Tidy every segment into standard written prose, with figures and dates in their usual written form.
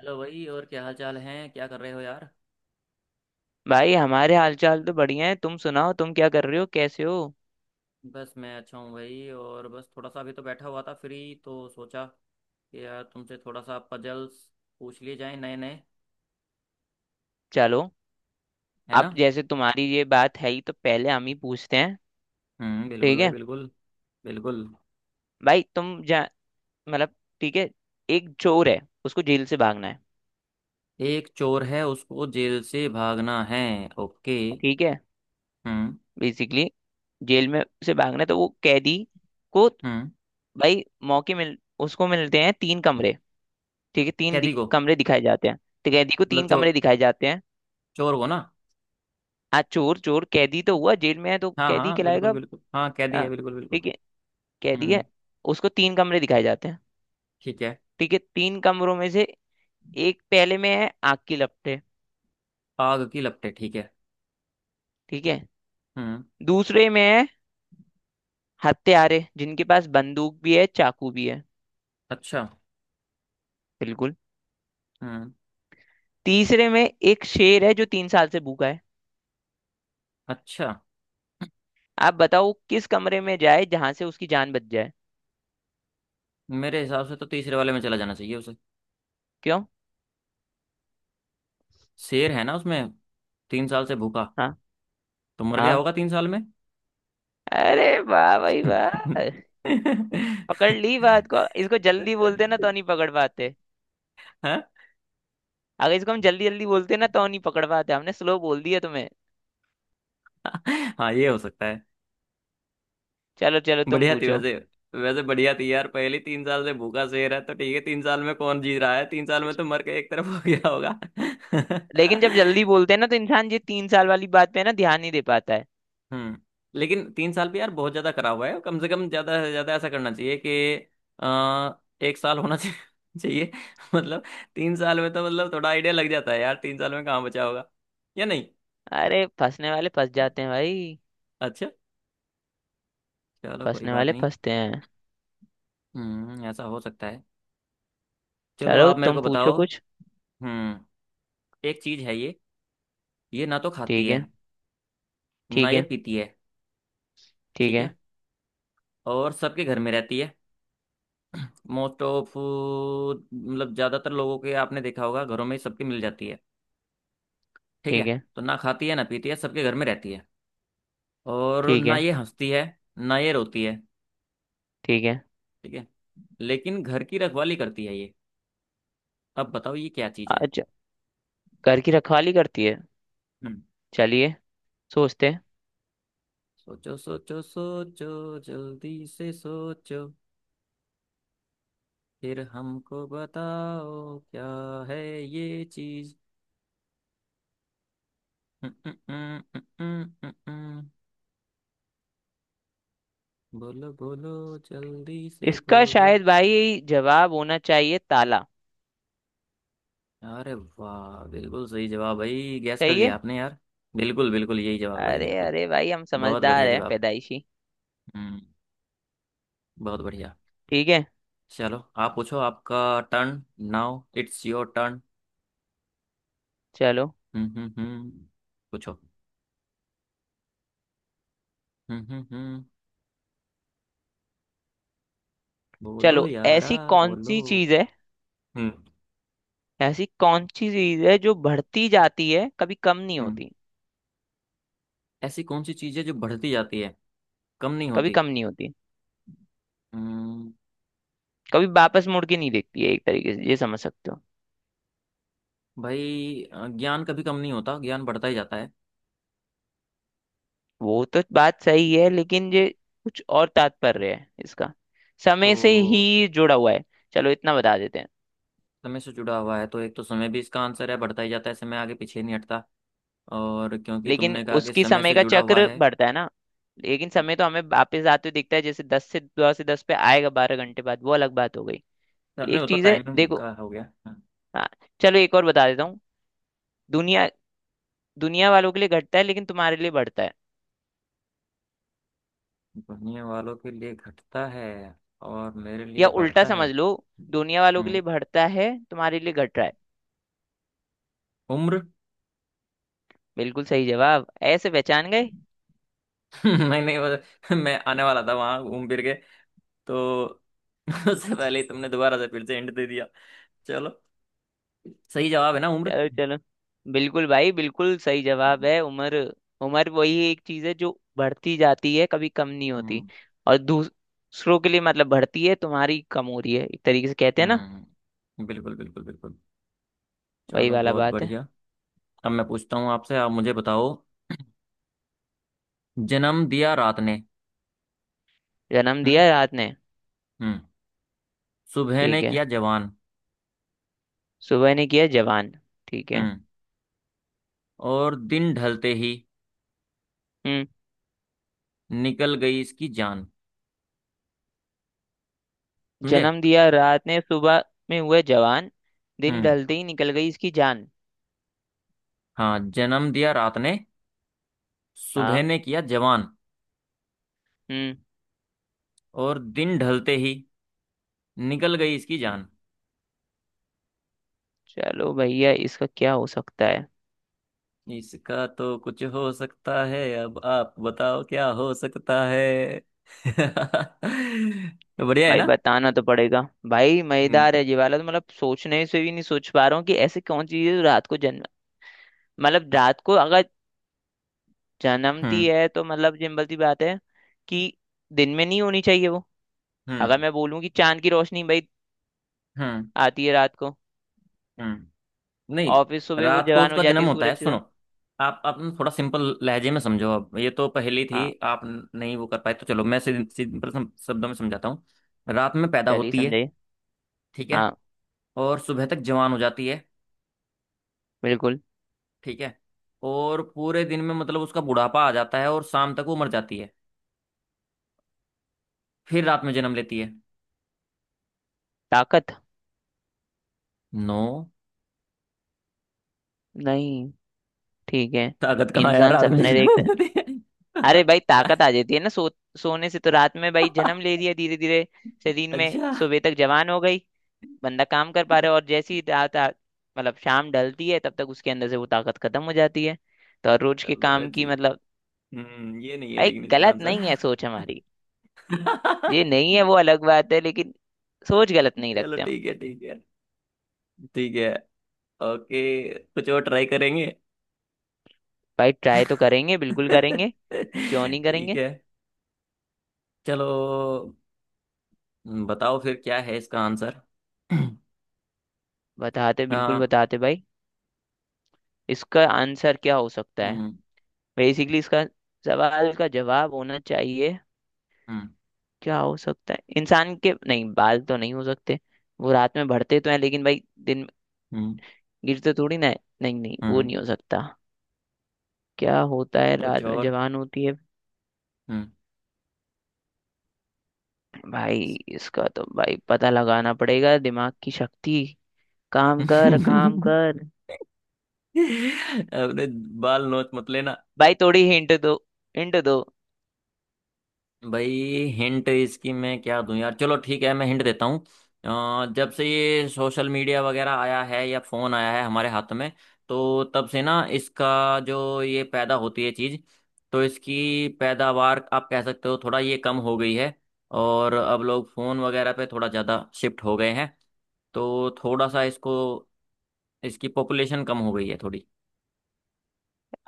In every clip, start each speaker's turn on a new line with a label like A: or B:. A: Hello भाई। और क्या हाल चाल हैं, क्या कर रहे हो यार?
B: भाई हमारे हालचाल तो बढ़िया है। तुम सुनाओ, तुम क्या कर रहे हो, कैसे हो?
A: बस मैं अच्छा हूँ भाई। और बस थोड़ा सा अभी तो बैठा हुआ था फ्री, तो सोचा कि यार तुमसे थोड़ा सा पजल्स पूछ लिए जाएं नए नए।
B: चलो,
A: है
B: अब
A: ना?
B: जैसे तुम्हारी ये बात है ही तो पहले हम ही पूछते हैं।
A: हम्म, बिल्कुल
B: ठीक
A: भाई
B: है।
A: बिल्कुल। बिल्कुल।
B: भाई तुम जा मतलब ठीक है, एक चोर है, उसको जेल से भागना है।
A: एक चोर है उसको जेल से भागना है। ओके।
B: ठीक है,
A: हम्म।
B: बेसिकली जेल में से भागना है तो वो कैदी को
A: हम्म।
B: भाई मौके मिल, उसको मिलते हैं 3 कमरे। ठीक है,
A: कैदी को।
B: कमरे दिखाए जाते हैं, तो कैदी को
A: मतलब
B: तीन कमरे
A: चोर।
B: दिखाए जाते हैं।
A: चोर को ना।
B: आज चोर चोर कैदी तो हुआ, जेल में है तो
A: हाँ
B: कैदी
A: हाँ, बिल्कुल
B: कहलाएगा।
A: बिल्कुल, हाँ कैदी
B: हाँ,
A: है बिल्कुल बिल्कुल।
B: ठीक है, कह
A: हम्म।
B: दिए, उसको तीन कमरे दिखाए जाते हैं।
A: ठीक है।
B: ठीक है, तीन कमरों में से एक पहले में है आग की लपटें।
A: आग की लपटें, ठीक है।
B: ठीक है,
A: हम्म।
B: दूसरे में है हत्यारे जिनके पास बंदूक भी है, चाकू भी है।
A: अच्छा।
B: बिल्कुल,
A: हम्म।
B: तीसरे में एक शेर है जो 3 साल से भूखा है।
A: अच्छा।
B: आप बताओ वो किस कमरे में जाए जहां से उसकी जान बच जाए?
A: मेरे हिसाब से तो तीसरे वाले में चला जाना चाहिए उसे।
B: क्यों?
A: शेर है ना उसमें, 3 साल से भूखा,
B: हाँ
A: तो मर गया
B: हाँ,
A: होगा 3 साल में।
B: अरे वाह भाई वाह, पकड़ ली बात को। इसको जल्दी बोलते ना तो नहीं पकड़ पाते।
A: हाँ।
B: अगर इसको हम जल्दी जल्दी बोलते ना तो नहीं पकड़ पाते, हमने स्लो बोल दिया तुम्हें।
A: हाँ ये हो सकता है।
B: चलो चलो तुम
A: बढ़िया थी
B: पूछो।
A: वैसे। वैसे बढ़िया थी यार, पहली। 3 साल से भूखा शेर है तो ठीक है, 3 साल में कौन जी रहा है, 3 साल में तो मर के एक तरफ हो गया होगा।
B: लेकिन जब जल्दी बोलते हैं ना तो इंसान ये 3 साल वाली बात पे ना ध्यान नहीं दे पाता है।
A: हम्म। लेकिन 3 साल भी यार बहुत ज्यादा करा हुआ है, कम से कम ज्यादा से ज्यादा ऐसा करना चाहिए कि 1 साल होना चाहिए। चाहिए। मतलब, 3 साल में तो मतलब थोड़ा आइडिया लग जाता है यार, 3 साल में कहाँ बचा होगा या नहीं।
B: अरे फंसने वाले फंस जाते हैं भाई,
A: अच्छा। चलो कोई
B: फंसने
A: बात
B: वाले
A: नहीं।
B: फंसते हैं।
A: हम्म, ऐसा हो सकता है। चलो
B: चलो
A: आप मेरे
B: तुम
A: को
B: पूछो
A: बताओ।
B: कुछ।
A: हम्म। एक चीज है ये। ये ना तो खाती
B: ठीक
A: है,
B: है।
A: ना
B: ठीक
A: ये
B: है।
A: पीती है,
B: ठीक
A: ठीक
B: है।
A: है। और सबके घर में रहती है। मोस्ट ऑफ, मतलब ज्यादातर लोगों के, आपने देखा होगा घरों में सबके मिल जाती है। ठीक है
B: ठीक है।
A: तो ना खाती है ना पीती है सबके घर में रहती है। और
B: ठीक
A: ना
B: है।
A: ये हंसती है, ना ये रोती है,
B: ठीक है।
A: ठीक है। लेकिन घर की रखवाली करती है ये। अब बताओ ये क्या चीज है।
B: अच्छा, घर की रखवाली करती है,
A: हम्म।
B: चलिए सोचते हैं।
A: सोचो सोचो सोचो, जल्दी से सोचो, फिर हमको बताओ क्या है ये चीज। हम्म, हम्म, हम्म, हम्म, हम्म, हम्म। बोलो बोलो, जल्दी से
B: इसका
A: बोलो।
B: शायद भाई जवाब होना चाहिए ताला।
A: अरे वाह, बिल्कुल सही जवाब भाई, गैस कर
B: सही
A: लिया
B: है।
A: आपने यार। बिल्कुल बिल्कुल, यही जवाब भाई,
B: अरे
A: बिल्कुल।
B: अरे भाई, हम
A: बहुत
B: समझदार
A: बढ़िया
B: हैं
A: जवाब।
B: पैदाइशी।
A: हम्म। बहुत बढ़िया।
B: ठीक है,
A: चलो आप पूछो, आपका turn, now it's your turn.
B: चलो।
A: हम्म। पूछो। हम्म। बोलो
B: चलो,
A: यारा।
B: ऐसी कौन
A: बोलो।
B: सी चीज है,
A: हम्म।
B: ऐसी कौन सी चीज है जो बढ़ती जाती है, कभी कम नहीं
A: हम्म,
B: होती?
A: ऐसी कौन सी चीज़ है जो बढ़ती जाती है, कम नहीं
B: कभी
A: होती।
B: कम नहीं होती,
A: हम्म।
B: कभी वापस मुड़ के नहीं देखती है, एक तरीके से ये समझ सकते हो।
A: भाई ज्ञान कभी कम नहीं होता, ज्ञान बढ़ता ही जाता है।
B: वो तो बात सही है लेकिन ये कुछ और तात्पर्य है इसका। समय से
A: तो
B: ही जुड़ा हुआ है, चलो इतना बता देते हैं।
A: समय से जुड़ा हुआ है तो एक तो समय भी इसका आंसर है, बढ़ता ही जाता है, समय आगे पीछे नहीं हटता। और क्योंकि
B: लेकिन
A: तुमने कहा कि
B: उसकी
A: समय
B: समय
A: से
B: का
A: जुड़ा हुआ
B: चक्र
A: है।
B: बढ़ता है ना। लेकिन समय तो हमें वापस आते हुए दिखता है, जैसे दस से दो से दस पे आएगा, 12 घंटे बाद, वो अलग बात हो गई।
A: नहीं वो
B: एक
A: तो
B: चीज है
A: टाइमिंग
B: देखो।
A: का हो गया।
B: हाँ, चलो एक और बता देता हूँ। दुनिया दुनिया वालों के लिए घटता है लेकिन तुम्हारे लिए बढ़ता है,
A: बढ़ने वालों के लिए घटता है और मेरे
B: या
A: लिए
B: उल्टा
A: बढ़ता
B: समझ
A: है।
B: लो, दुनिया वालों के
A: हम्म,
B: लिए बढ़ता है तुम्हारे लिए घट रहा है।
A: उम्र।
B: बिल्कुल सही जवाब, ऐसे पहचान गए।
A: नहीं नहीं, मैं आने वाला था वहां घूम फिर के तो। उससे पहले ही तुमने दोबारा से फिर से एंड दे दिया। चलो, सही जवाब है ना उम्र।
B: चलो चलो, बिल्कुल भाई, बिल्कुल सही जवाब है उम्र। उम्र वही एक चीज है जो बढ़ती जाती है, कभी कम नहीं होती।
A: हम्म।
B: और दूसरों के लिए मतलब बढ़ती है, तुम्हारी कम हो रही है, एक तरीके से कहते हैं ना,
A: हम्म, बिल्कुल बिल्कुल बिल्कुल।
B: वही
A: चलो,
B: वाला
A: बहुत
B: बात है।
A: बढ़िया। अब मैं पूछता हूँ आपसे, आप मुझे बताओ। जन्म दिया रात ने।
B: जन्म
A: हम्म।
B: दिया रात ने,
A: हम्म। सुबह ने
B: ठीक है,
A: किया जवान।
B: सुबह ने किया जवान, ठीक है।
A: हम्म। और दिन ढलते ही
B: हम्म,
A: निकल गई इसकी जान। समझे।
B: जन्म दिया रात ने, सुबह में हुए जवान, दिन
A: हम्म।
B: ढलते ही निकल गई इसकी जान।
A: हाँ, जन्म दिया रात ने, सुबह
B: हाँ।
A: ने किया जवान,
B: हम्म।
A: और दिन ढलते ही निकल गई इसकी जान।
B: चलो भैया, इसका क्या हो सकता है?
A: इसका तो कुछ हो सकता है, अब आप बताओ क्या हो सकता है। तो बढ़िया है
B: भाई
A: ना।
B: बताना तो पड़ेगा। भाई
A: हम्म
B: मजेदार है ये वाला तो, मतलब सोचने से भी नहीं सोच पा रहा हूँ कि ऐसे कौन सी चीज रात को जन्म, मतलब रात को अगर जन्मती
A: हम्म
B: है तो मतलब सिंपल सी बात है कि दिन में नहीं होनी चाहिए वो। अगर
A: हम्म
B: मैं बोलूँ कि चांद की रोशनी भाई,
A: हम्म
B: आती है रात को
A: हम्म। नहीं।
B: और फिर सुबह वो
A: रात को
B: जवान हो
A: उसका
B: जाती
A: जन्म
B: है
A: होता है,
B: सूरज के
A: सुनो।
B: साथ।
A: आप न थोड़ा सिंपल लहजे में समझो, अब ये तो पहेली थी,
B: हाँ,
A: आप न- नहीं वो कर पाए तो चलो मैं सिंपल शब्दों में समझाता हूँ। रात में पैदा
B: चलिए
A: होती है।
B: समझाइए।
A: ठीक है।
B: हाँ।
A: और सुबह तक जवान हो जाती है।
B: बिल्कुल।
A: ठीक है। और पूरे दिन में मतलब उसका बुढ़ापा आ जाता है और शाम तक वो मर जाती है, फिर रात में जन्म लेती है।
B: ताकत।
A: नो।
B: नहीं। ठीक है।
A: ताकत कहाँ है यार,
B: इंसान
A: रात में
B: सपने
A: जन्म
B: देखता,
A: लेती है।
B: अरे भाई ताकत आ जाती है ना, सो सोने से तो रात में भाई जन्म ले लिया, धीरे धीरे शरीर में
A: अच्छा।
B: सुबह तक जवान हो गई, बंदा काम कर पा रहा है, और जैसी ही मतलब शाम ढलती है तब तक उसके अंदर से वो ताकत खत्म हो जाती है, तो हर रोज के
A: चलो भाई
B: काम की
A: जी,
B: मतलब।
A: ये नहीं है
B: भाई
A: लेकिन इसका
B: गलत
A: आंसर।
B: नहीं है सोच हमारी। ये नहीं है वो अलग बात है, लेकिन सोच गलत नहीं
A: चलो
B: रखते हम।
A: ठीक है ठीक है। ठीक है। ओके। कुछ और ट्राई करेंगे।
B: भाई ट्राई तो करेंगे, बिल्कुल करेंगे, क्यों नहीं
A: ठीक
B: करेंगे?
A: है। चलो बताओ फिर क्या है इसका आंसर।
B: बताते, बिल्कुल
A: आ,
B: बताते भाई। इसका आंसर क्या हो सकता है?
A: हम्म
B: बेसिकली इसका सवाल का जवाब होना चाहिए
A: हम्म
B: क्या हो सकता है? इंसान के नहीं, बाल तो नहीं हो सकते, वो रात में बढ़ते तो हैं लेकिन भाई दिन में
A: हम्म
B: गिरते थोड़ी ना है, नहीं नहीं वो
A: हम्म,
B: नहीं हो सकता। क्या होता है
A: कुछ
B: रात में
A: और।
B: जवान होती है?
A: हम्म।
B: भाई इसका तो भाई पता लगाना पड़ेगा, दिमाग की शक्ति काम कर काम कर।
A: अपने बाल नोच मत लेना।
B: भाई थोड़ी हिंट दो, हिंट दो।
A: भाई हिंट इसकी मैं क्या दूं यार, चलो ठीक है मैं हिंट देता हूँ। जब से ये सोशल मीडिया वगैरह आया है या फोन आया है हमारे हाथ में, तो तब से ना इसका जो ये पैदा होती है चीज, तो इसकी पैदावार आप कह सकते हो थोड़ा ये कम हो गई है। और अब लोग फोन वगैरह पे थोड़ा ज्यादा शिफ्ट हो गए हैं तो थोड़ा सा इसको, इसकी पॉपुलेशन कम हो गई है थोड़ी।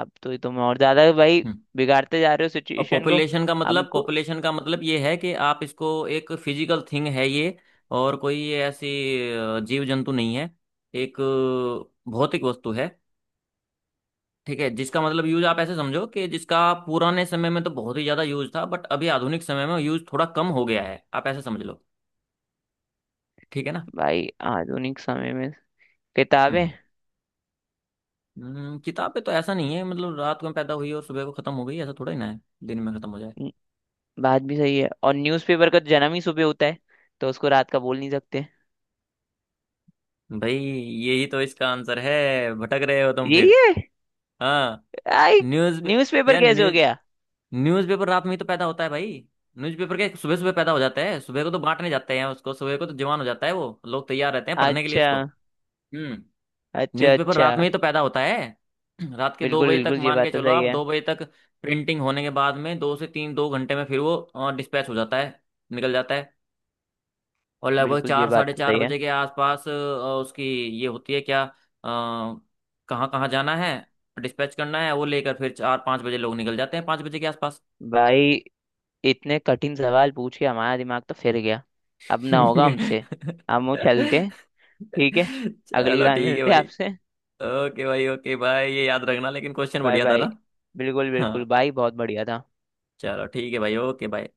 B: अब तो तुम और ज्यादा भाई
A: हम्म।
B: बिगाड़ते जा रहे हो
A: और
B: सिचुएशन को।
A: पॉपुलेशन का मतलब,
B: हमको
A: पॉपुलेशन का मतलब ये है कि आप इसको, एक फिजिकल थिंग है ये, और कोई ये ऐसी जीव जंतु नहीं है, एक भौतिक वस्तु है। ठीक है, जिसका मतलब यूज, आप ऐसे समझो कि जिसका पुराने समय में तो बहुत ही ज्यादा यूज था, बट अभी आधुनिक समय में यूज थोड़ा कम हो गया है, आप ऐसे समझ लो। ठीक है ना।
B: भाई आधुनिक समय में किताबें।
A: हम्म। किताब पे तो ऐसा नहीं है, मतलब रात को पैदा हुई और सुबह को खत्म हो गई, ऐसा थोड़ा ही ना है, दिन में खत्म हो जाएगी।
B: बात भी सही है, और न्यूज़पेपर का तो जन्म ही सुबह होता है, तो उसको रात का बोल नहीं सकते।
A: भाई यही तो इसका आंसर है, भटक रहे हो तुम
B: यही
A: फिर।
B: है?
A: हाँ।
B: आई,
A: न्यूज।
B: न्यूज़पेपर
A: यार
B: कैसे हो
A: न्यूज,
B: गया?
A: न्यूज़पेपर रात में ही तो पैदा होता है भाई, न्यूज़पेपर के सुबह सुबह पैदा हो जाता है, सुबह को तो बांटने जाते हैं उसको, सुबह को तो जवान हो जाता है, वो लोग तैयार रहते हैं पढ़ने के लिए
B: अच्छा,
A: उसको। हम्म।
B: अच्छा
A: न्यूज़पेपर
B: अच्छा।
A: रात में ही तो पैदा होता है। रात के दो
B: बिल्कुल
A: बजे तक,
B: बिल्कुल, ये
A: मान के
B: बात तो
A: चलो
B: सही
A: आप
B: है।
A: 2 बजे तक प्रिंटिंग होने के बाद में, 2 से 3, 2 घंटे में फिर वो डिस्पैच हो जाता है, निकल जाता है। और लगभग
B: बिल्कुल, ये
A: चार,
B: बात
A: साढ़े
B: तो
A: चार
B: सही है।
A: बजे के आसपास उसकी ये होती है क्या कहाँ कहाँ जाना है डिस्पैच करना है वो लेकर, फिर 4, 5 बजे लोग निकल जाते हैं, 5 बजे के आसपास।
B: भाई इतने कठिन सवाल पूछ के हमारा दिमाग तो फिर गया, अब ना होगा हमसे। हम वो चलते हैं, ठीक है, अगली
A: चलो
B: बार
A: ठीक है
B: मिलते हैं
A: भाई,
B: आपसे।
A: ओके भाई, ओके भाई। ये याद रखना लेकिन, क्वेश्चन
B: बाय
A: बढ़िया था
B: बाय।
A: ना।
B: बिल्कुल बिल्कुल
A: हाँ।
B: भाई, बहुत बढ़िया था।
A: चलो ठीक है भाई, ओके भाई।